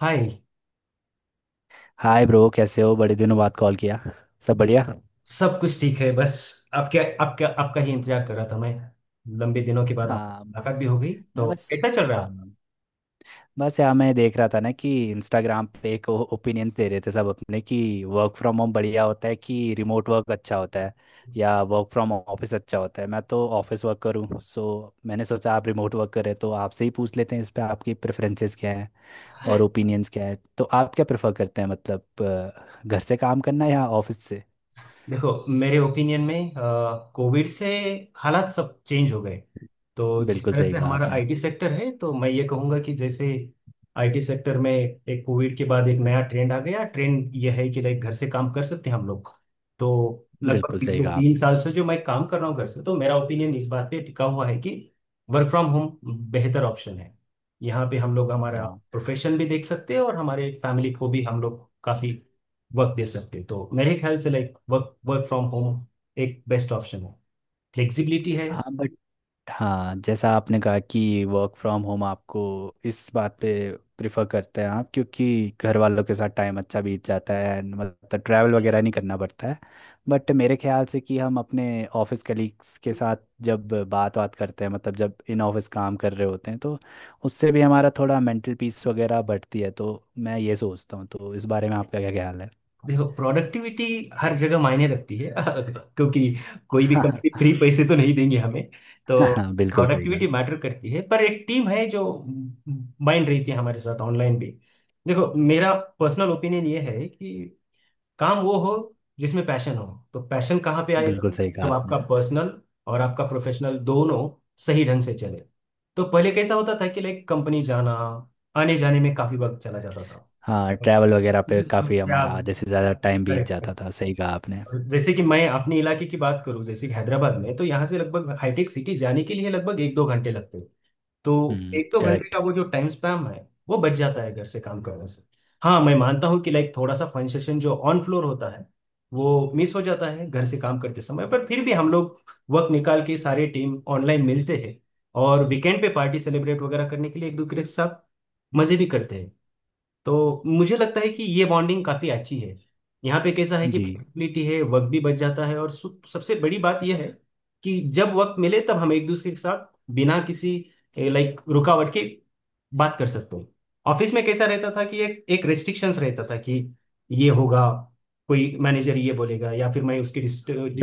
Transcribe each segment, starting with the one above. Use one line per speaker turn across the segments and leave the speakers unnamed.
हाय।
Hi bro, कैसे हो? बड़े दिनों बाद कॉल किया। सब बढ़िया।
सब कुछ ठीक है बस आपके आपके आपका ही इंतजार कर रहा था मैं। लंबे दिनों के बाद आप
हाँ।
मुलाकात भी हो गई,
मैं
तो
बस
कैसा चल रहा
हाँ
है?
बस यार, मैं देख रहा था ना कि इंस्टाग्राम पे एक ओपिनियंस दे रहे थे सब अपने कि वर्क फ्रॉम होम बढ़िया होता है कि रिमोट वर्क अच्छा होता है या वर्क फ्रॉम ऑफिस अच्छा होता है। मैं तो ऑफिस वर्क करूँ, सो मैंने सोचा आप रिमोट वर्क कर रहे हो, तो आपसे ही पूछ लेते हैं इस पे आपकी प्रेफरेंसेस क्या हैं और
आप।
ओपिनियंस क्या है। तो आप क्या प्रेफर करते हैं, मतलब घर से काम करना या ऑफिस से?
देखो मेरे ओपिनियन में कोविड से हालात सब चेंज हो गए। तो जिस
बिल्कुल
तरह
सही
से
कहा
हमारा
आपने।
आईटी सेक्टर है, तो मैं ये कहूँगा कि जैसे आईटी सेक्टर में एक कोविड के बाद एक नया ट्रेंड आ गया। ट्रेंड ये है कि लाइक घर से काम कर सकते हैं हम लोग। तो लगभग
बिल्कुल सही
पिछले
कहा
तीन
आपने।
साल से जो मैं काम कर रहा हूँ घर से, तो मेरा ओपिनियन इस बात पे टिका हुआ है कि वर्क फ्रॉम होम बेहतर ऑप्शन है। यहाँ पे हम लोग हमारा
हाँ।
प्रोफेशन भी देख सकते हैं और हमारे फैमिली को भी हम लोग काफी वर्क दे सकते हो। तो मेरे ख्याल से like work work from home एक बेस्ट ऑप्शन है। फ्लेक्सिबिलिटी है।
हाँ, बट हाँ, जैसा आपने कहा कि वर्क फ्रॉम होम आपको इस बात पे प्रिफर करते हैं आप, क्योंकि घर वालों के साथ टाइम अच्छा बीत जाता है and मतलब ट्रैवल वगैरह नहीं करना पड़ता है। बट मेरे ख्याल से कि हम अपने ऑफिस कलीग्स के साथ जब बात बात करते हैं, मतलब जब इन ऑफिस काम कर रहे होते हैं, तो उससे भी हमारा थोड़ा मेंटल पीस वगैरह बढ़ती है, तो मैं ये सोचता हूँ। तो इस बारे में आपका क्या ख्याल है?
देखो प्रोडक्टिविटी हर जगह मायने रखती है क्योंकि कोई भी कंपनी फ्री पैसे तो नहीं देंगे हमें।
हाँ
तो
हाँ, बिल्कुल सही कहा।
प्रोडक्टिविटी मैटर करती है, पर एक टीम है जो माइंड रहती है हमारे साथ ऑनलाइन भी। देखो मेरा पर्सनल ओपिनियन ये है कि काम वो हो जिसमें पैशन हो। तो पैशन कहाँ पे आएगा?
बिल्कुल सही कहा
जब
आपने।
आपका पर्सनल और आपका प्रोफेशनल दोनों सही ढंग से चले। तो पहले कैसा होता था कि लाइक कंपनी जाना, आने जाने में काफी वक्त चला जाता था।
हाँ, ट्रैवल वगैरह पे
तो
काफ़ी
क्या?
हमारा आधे से ज़्यादा टाइम बीत
करेक्ट।
जाता था, सही कहा आपने।
जैसे कि मैं अपने इलाके की बात करूं, जैसे कि हैदराबाद में, तो यहाँ से लगभग हाईटेक सिटी जाने के लिए लगभग एक दो घंटे लगते। तो
हम्म,
एक दो घंटे
करेक्ट।
का वो जो टाइम स्पैम है, वो बच जाता है घर से काम करने से। हाँ, मैं मानता हूँ कि लाइक थोड़ा सा फन सेशन जो ऑन फ्लोर होता है, वो मिस हो जाता है घर से काम करते समय, पर फिर भी हम लोग वक्त निकाल के सारे टीम ऑनलाइन मिलते हैं। और वीकेंड पे पार्टी सेलिब्रेट वगैरह करने के लिए एक दूसरे के साथ मजे भी करते हैं। तो मुझे लगता है कि ये बॉन्डिंग काफी अच्छी है। यहाँ पे कैसा है कि
जी,
फ्लेक्सिबिलिटी है, वक्त भी बच जाता है, और सबसे बड़ी बात यह है कि जब वक्त मिले तब हम एक दूसरे के साथ बिना किसी लाइक रुकावट की बात कर सकते हो। ऑफिस में कैसा रहता था कि एक एक रेस्ट्रिक्शंस रहता था कि ये होगा, कोई मैनेजर ये बोलेगा, या फिर मैं उसके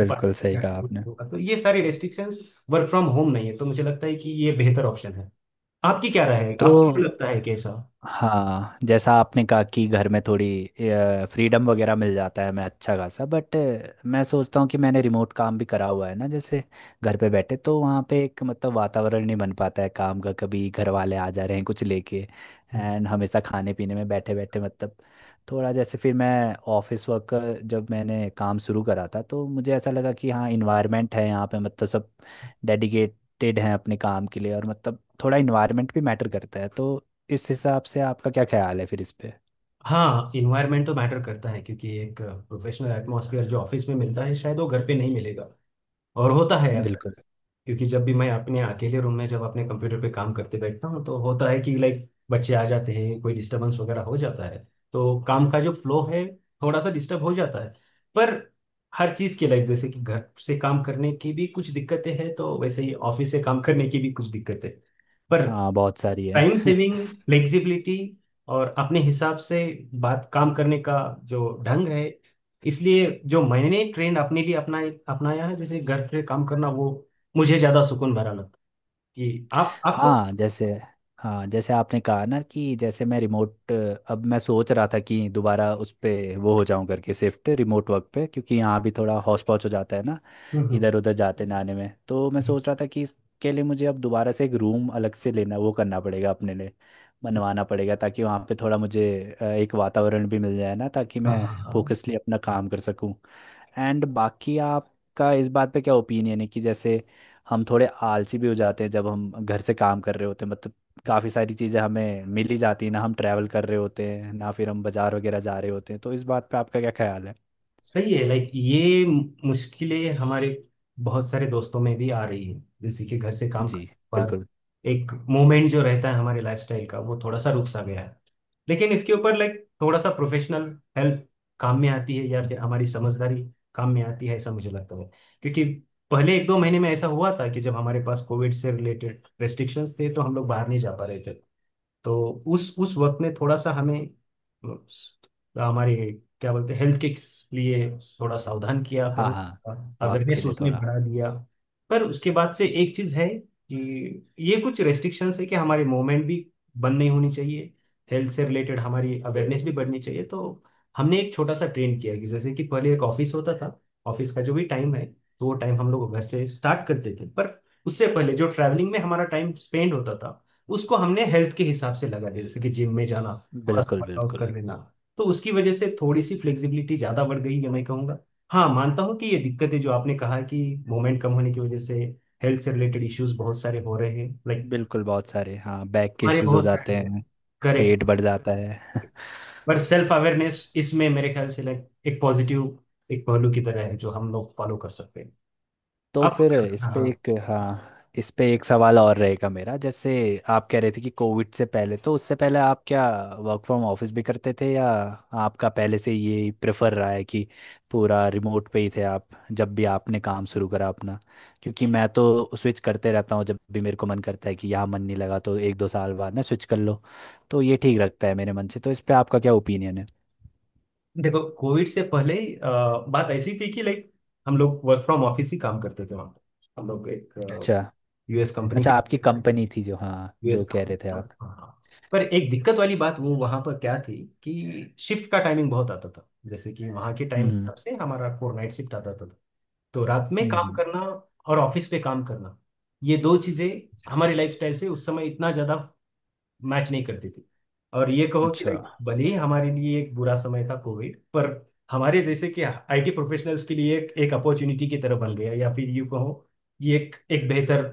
बिल्कुल सही कहा आपने।
होगा, तो ये सारी रेस्ट्रिक्शंस वर्क फ्रॉम होम नहीं है, तो मुझे लगता है कि ये बेहतर ऑप्शन है। आपकी क्या राय है? आपको
तो
लगता है कैसा?
हाँ, जैसा आपने कहा कि घर में थोड़ी फ्रीडम वगैरह मिल जाता है, मैं अच्छा खासा, बट मैं सोचता हूँ कि मैंने रिमोट काम भी करा हुआ है ना, जैसे घर पे बैठे, तो वहाँ पे एक मतलब वातावरण नहीं बन पाता है काम का, कभी घर वाले आ जा रहे हैं कुछ लेके, एंड हमेशा खाने पीने में बैठे बैठे मतलब थोड़ा, जैसे फिर मैं ऑफिस वर्क जब मैंने काम शुरू करा था, तो मुझे ऐसा लगा कि हाँ, इन्वायरमेंट है यहाँ पे, मतलब सब डेडिकेटेड हैं अपने काम के लिए, और मतलब थोड़ा इन्वायरमेंट भी मैटर करता है। तो इस हिसाब से आपका क्या ख्याल है फिर इस पे?
हाँ, इन्वायरमेंट तो मैटर करता है, क्योंकि एक प्रोफेशनल एटमॉस्फेयर जो ऑफिस में मिलता है शायद वो घर पे नहीं मिलेगा, और होता है अक्सर।
बिल्कुल।
क्योंकि जब भी मैं अपने अकेले रूम में जब अपने कंप्यूटर पे काम करते बैठता हूँ, तो होता है कि लाइक बच्चे आ जाते हैं, कोई डिस्टरबेंस वगैरह हो जाता है। तो काम का जो फ्लो है, थोड़ा सा डिस्टर्ब हो जाता है। पर हर चीज़ के लाइक जैसे कि घर से काम करने की भी कुछ दिक्कतें हैं, तो वैसे ही ऑफिस से काम करने की भी कुछ दिक्कतें। पर
हाँ, बहुत सारी है।
टाइम सेविंग, फ्लेक्सिबिलिटी, और अपने हिसाब से बात, काम करने का जो ढंग है, इसलिए जो मैंने ट्रेंड अपने लिए अपना अपनाया है, जैसे घर पे काम करना, वो मुझे ज्यादा सुकून भरा लगता है कि आप आपको।
हाँ जैसे हाँ, जैसे आपने कहा ना कि जैसे मैं रिमोट अब मैं सोच रहा था कि दोबारा उस पे वो हो जाऊं करके शिफ्ट रिमोट वर्क पे, क्योंकि यहाँ भी थोड़ा हौच पौच हो जाता है ना,
हम्म।
इधर उधर जाते ना आने में, तो मैं
हम्म।
सोच रहा था कि इसके लिए मुझे अब दोबारा से एक रूम अलग से लेना वो करना पड़ेगा अपने लिए, बनवाना पड़ेगा ताकि वहाँ पे थोड़ा मुझे एक वातावरण भी मिल जाए ना, ताकि
हाँ
मैं
हाँ हाँ।
फोकसली अपना काम कर सकूं। एंड बाकी आपका इस बात पे क्या ओपिनियन है कि जैसे हम थोड़े आलसी भी हो जाते हैं जब हम घर से काम कर रहे होते हैं, मतलब काफ़ी सारी चीज़ें हमें मिल ही जाती हैं ना, हम ट्रैवल कर रहे होते हैं ना फिर हम बाजार वगैरह जा रहे होते हैं, तो इस बात पे आपका क्या ख्याल है?
सही है लाइक ये मुश्किलें हमारे बहुत सारे दोस्तों में भी आ रही है, जैसे कि घर से काम
जी,
करने पर
बिल्कुल।
एक मोमेंट जो रहता है हमारे लाइफस्टाइल का, वो थोड़ा सा रुक सा गया है। लेकिन इसके ऊपर लाइक थोड़ा सा प्रोफेशनल हेल्प काम में आती है, या फिर हमारी समझदारी काम में आती है, ऐसा मुझे लगता है। क्योंकि पहले एक दो महीने में ऐसा हुआ था कि जब हमारे पास कोविड से रिलेटेड रेस्ट्रिक्शंस थे, तो हम लोग बाहर नहीं जा पा रहे थे। तो उस वक्त में थोड़ा सा हमें हमारे क्या बोलते हैं हेल्थ के लिए थोड़ा सावधान किया
हाँ
करो,
हाँ। स्वास्थ्य के
अवेयरनेस
लिए
उसने
थोड़ा।
बढ़ा दिया। पर उसके बाद से एक चीज है कि ये कुछ रेस्ट्रिक्शंस है कि हमारे मूवमेंट भी बंद नहीं होनी चाहिए, हेल्थ से रिलेटेड हमारी अवेयरनेस भी बढ़नी चाहिए। तो हमने एक छोटा सा ट्रेंड किया कि जैसे कि पहले एक ऑफिस होता था, ऑफिस का जो भी टाइम है, तो वो टाइम हम लोग घर से स्टार्ट करते थे, पर उससे पहले जो ट्रैवलिंग में हमारा टाइम स्पेंड होता था, उसको हमने हेल्थ के हिसाब से लगा दिया, जैसे कि जिम में जाना, थोड़ा सा
बिल्कुल
वर्कआउट
बिल्कुल
कर लेना। तो उसकी वजह से थोड़ी सी फ्लेक्सिबिलिटी ज्यादा बढ़ गई है, मैं कहूंगा। हाँ, मानता हूँ कि ये दिक्कत है जो आपने कहा कि मोमेंट कम होने की वजह से हेल्थ से रिलेटेड इश्यूज बहुत सारे हो रहे हैं, लाइक
बिल्कुल, बहुत सारे, हाँ, बैक के
हमारे
इश्यूज हो
बहुत सारे
जाते
लोग।
हैं।
करेक्ट।
पेट बढ़ जाता है।
पर सेल्फ अवेयरनेस इसमें मेरे ख्याल से लाइक एक पॉजिटिव एक पहलू की तरह है जो हम लोग फॉलो कर सकते हैं।
तो
अब
फिर इस
हाँ
पे
हाँ।
एक, हाँ, इस पे एक सवाल और रहेगा मेरा, जैसे आप कह रहे थे कि कोविड से पहले, तो उससे पहले आप क्या वर्क फ्रॉम ऑफिस भी करते थे, या आपका पहले से ये प्रेफर रहा है कि पूरा रिमोट पे ही थे आप जब भी आपने काम शुरू करा अपना? क्योंकि मैं तो स्विच करते रहता हूँ जब भी मेरे को मन करता है कि यहाँ मन नहीं लगा तो एक दो साल बाद ना स्विच कर लो, तो ये ठीक लगता है मेरे मन से। तो इस पे आपका क्या ओपिनियन है?
देखो कोविड से पहले ही, बात ऐसी थी कि लाइक हम लोग वर्क फ्रॉम ऑफिस ही काम करते थे वहाँ पे। हम लोग एक
अच्छा।
यूएस कंपनी
अच्छा,
के।
आपकी कंपनी थी जो, हाँ, जो
यूएस।
कह रहे थे आप।
हाँ। पर एक दिक्कत वाली बात वो वहां पर क्या थी कि शिफ्ट का टाइमिंग बहुत आता था, जैसे कि वहां के टाइम
हम्म।
हिसाब से हमारा फोर नाइट शिफ्ट आता था। तो रात में
हम्म।
काम
हम्म।
करना और ऑफिस पे काम करना, ये दो चीजें हमारी लाइफस्टाइल से उस समय इतना ज्यादा मैच नहीं करती थी। और ये कहो कि
अच्छा।
लाइक भले ही हमारे लिए एक बुरा समय था कोविड, पर हमारे जैसे कि आईटी प्रोफेशनल्स के लिए एक एक अपॉर्चुनिटी की तरह बन गया, या फिर यूं कहो ये एक एक बेहतर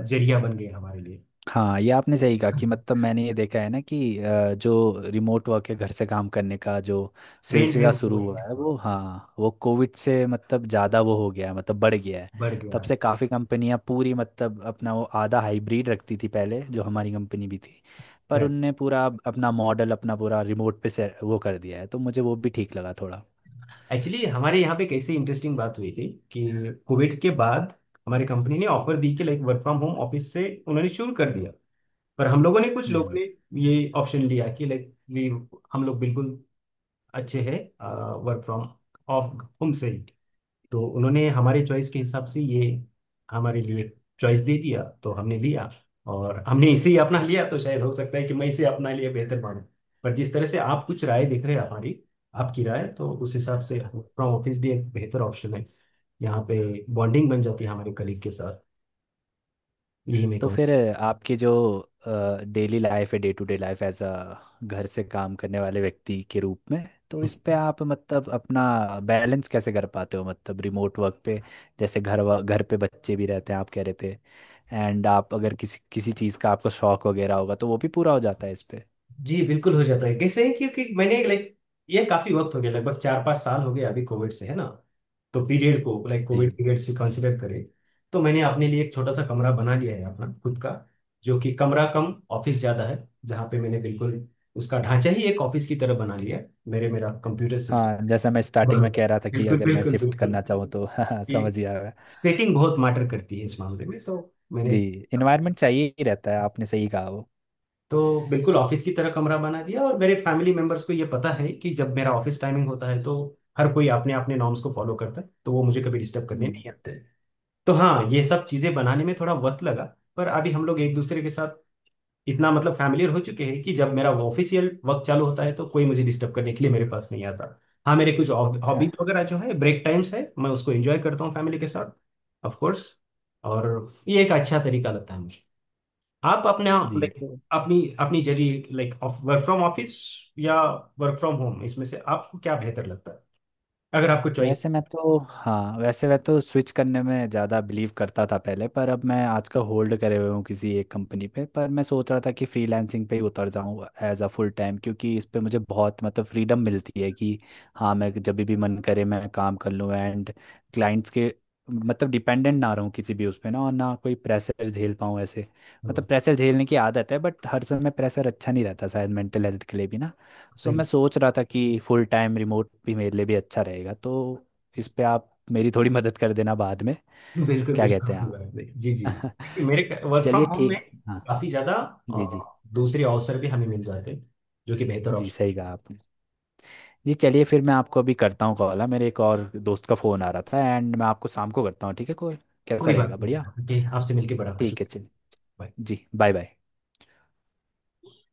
जरिया बन गया हमारे लिए।
हाँ, ये आपने सही कहा कि मतलब मैंने ये देखा है ना कि जो रिमोट वर्क है, घर से काम करने का जो
ट्रेंड है
सिलसिला शुरू
वो
हुआ है वो, हाँ, वो कोविड से मतलब ज़्यादा वो हो गया है, मतलब बढ़ गया है।
बढ़
तब
गया।
से काफ़ी कंपनियां पूरी मतलब अपना वो आधा हाइब्रिड रखती थी पहले, जो हमारी कंपनी भी थी, पर उनने पूरा अपना मॉडल अपना पूरा रिमोट पे से वो कर दिया है, तो मुझे वो भी ठीक लगा थोड़ा।
एक्चुअली हमारे यहाँ पे कैसे इंटरेस्टिंग बात हुई थी कि कोविड के बाद हमारी कंपनी ने ऑफर दी कि like work from home office से उन्होंने शुरू कर दिया। पर हम लोगों ने, कुछ लोगों ने ये ऑप्शन लिया कि लाइक वी, हम लोग बिल्कुल अच्छे हैं वर्क फ्रॉम ऑफ होम से ही। तो उन्होंने हमारे चॉइस के हिसाब से ये हमारे लिए चॉइस दे दिया, तो हमने लिया। और हमने इसे ही अपना लिया, तो शायद हो सकता है कि मैं इसे अपना लिए बेहतर मानूं। पर जिस तरह से आप कुछ राय देख रहे हैं, हमारी आपकी राय तो उस हिसाब से वर्क फ्रॉम ऑफिस भी एक बेहतर ऑप्शन है। यहाँ पे बॉन्डिंग बन जाती है हमारे कलीग के साथ। यही मैं
तो फिर आपके जो डेली लाइफ है, day to day life as a घर से काम करने वाले व्यक्ति के रूप में, तो
कहूँ।
इस पे आप मतलब अपना बैलेंस कैसे कर पाते हो, मतलब रिमोट वर्क पे? जैसे घर पे बच्चे भी रहते हैं आप कह रहे थे, एंड आप अगर किसी किसी चीज़ का आपको शौक वगैरह होगा तो वो भी पूरा हो जाता है इस पे?
जी बिल्कुल हो जाता है, कैसे है क्योंकि मैंने लाइक ये काफी वक्त हो गया, लगभग चार पांच साल हो गए अभी कोविड से, है ना? तो पीरियड को लाइक
जी।
कोविड पीरियड से कंसिडर करें, तो मैंने अपने लिए एक छोटा सा कमरा बना लिया है अपना खुद का, जो कि कमरा कम ऑफिस ज्यादा है, जहाँ पे मैंने बिल्कुल उसका ढांचा ही एक ऑफिस की तरह बना लिया है। मेरे मेरा कंप्यूटर
हाँ,
सिस्टम
जैसा मैं स्टार्टिंग में कह रहा था कि
बिल्कुल
अगर मैं
बिल्कुल
शिफ्ट
बिल्कुल।
करना चाहूँ तो हाँ, समझ
कि
गया मैं।
सेटिंग बहुत मैटर करती है इस मामले में। तो
जी,
मैंने
इन्वायरमेंट चाहिए ही रहता है, आपने सही कहा वो।
तो बिल्कुल ऑफिस की तरह कमरा बना दिया, और मेरे फैमिली मेंबर्स को ये पता है कि जब मेरा ऑफिस टाइमिंग होता है, तो हर कोई अपने अपने नॉर्म्स को फॉलो करता है, तो वो मुझे कभी डिस्टर्ब करने
हम्म।
नहीं आते। तो हाँ, ये सब चीजें बनाने में थोड़ा वक्त लगा। पर अभी हम लोग एक दूसरे के साथ इतना मतलब फैमिलियर हो चुके हैं कि जब मेरा ऑफिशियल वक्त चालू होता है, तो कोई मुझे डिस्टर्ब करने के लिए मेरे पास नहीं आता। हाँ, मेरे कुछ हॉबीज वगैरह जो है, ब्रेक टाइम्स है, मैं उसको एंजॉय करता हूँ फैमिली के साथ, ऑफ कोर्स। और ये एक अच्छा तरीका लगता है मुझे। आप अपने
जी।
लाइक
तो
अपनी अपनी जरिए like of work from office या वर्क फ्रॉम होम, इसमें से आपको क्या बेहतर लगता है, अगर आपको चॉइस?
वैसे मैं तो, हाँ, वैसे मैं तो स्विच करने में ज़्यादा बिलीव करता था पहले, पर अब मैं आजकल होल्ड करे हुए हूँ किसी एक कंपनी पे, पर मैं सोच रहा था कि फ्रीलांसिंग पे ही उतर जाऊँ एज अ फुल टाइम, क्योंकि इस पे मुझे बहुत मतलब फ्रीडम मिलती है कि हाँ, मैं जब भी मन करे मैं काम कर लूँ, एंड क्लाइंट्स के मतलब डिपेंडेंट ना रहूँ किसी भी उस पे ना, और ना कोई प्रेशर झेल पाऊँ ऐसे, मतलब प्रेशर झेलने की आदत है, बट हर समय प्रेशर अच्छा नहीं रहता शायद, मेंटल हेल्थ के लिए भी ना। सो मैं
सही।
सोच रहा था कि फुल टाइम रिमोट भी मेरे लिए भी अच्छा रहेगा। तो इस पे आप मेरी थोड़ी मदद कर देना बाद में।
बिल्कुल
क्या कहते हैं आप?
बिल्कुल। जी जी, क्योंकि मेरे वर्क फ्रॉम
चलिए
होम में
ठीक, हाँ।
काफी ज्यादा
जी जी।
अ, दूसरे अवसर भी हमें मिल जाते हैं, जो कि बेहतर
जी,
ऑप्शन।
सही कहा आपने। जी, चलिए फिर मैं आपको अभी करता हूँ कॉल, मेरे एक और दोस्त का फ़ोन आ रहा था, एंड मैं आपको शाम को करता हूँ, ठीक है? कॉल कैसा
कोई बात
रहेगा?
नहीं
बढ़िया।
सर। ठीक, आपसे मिलके बड़ा खुश
ठीक है,
लगा।
चलिए।
Bye।
जी, बाय बाय।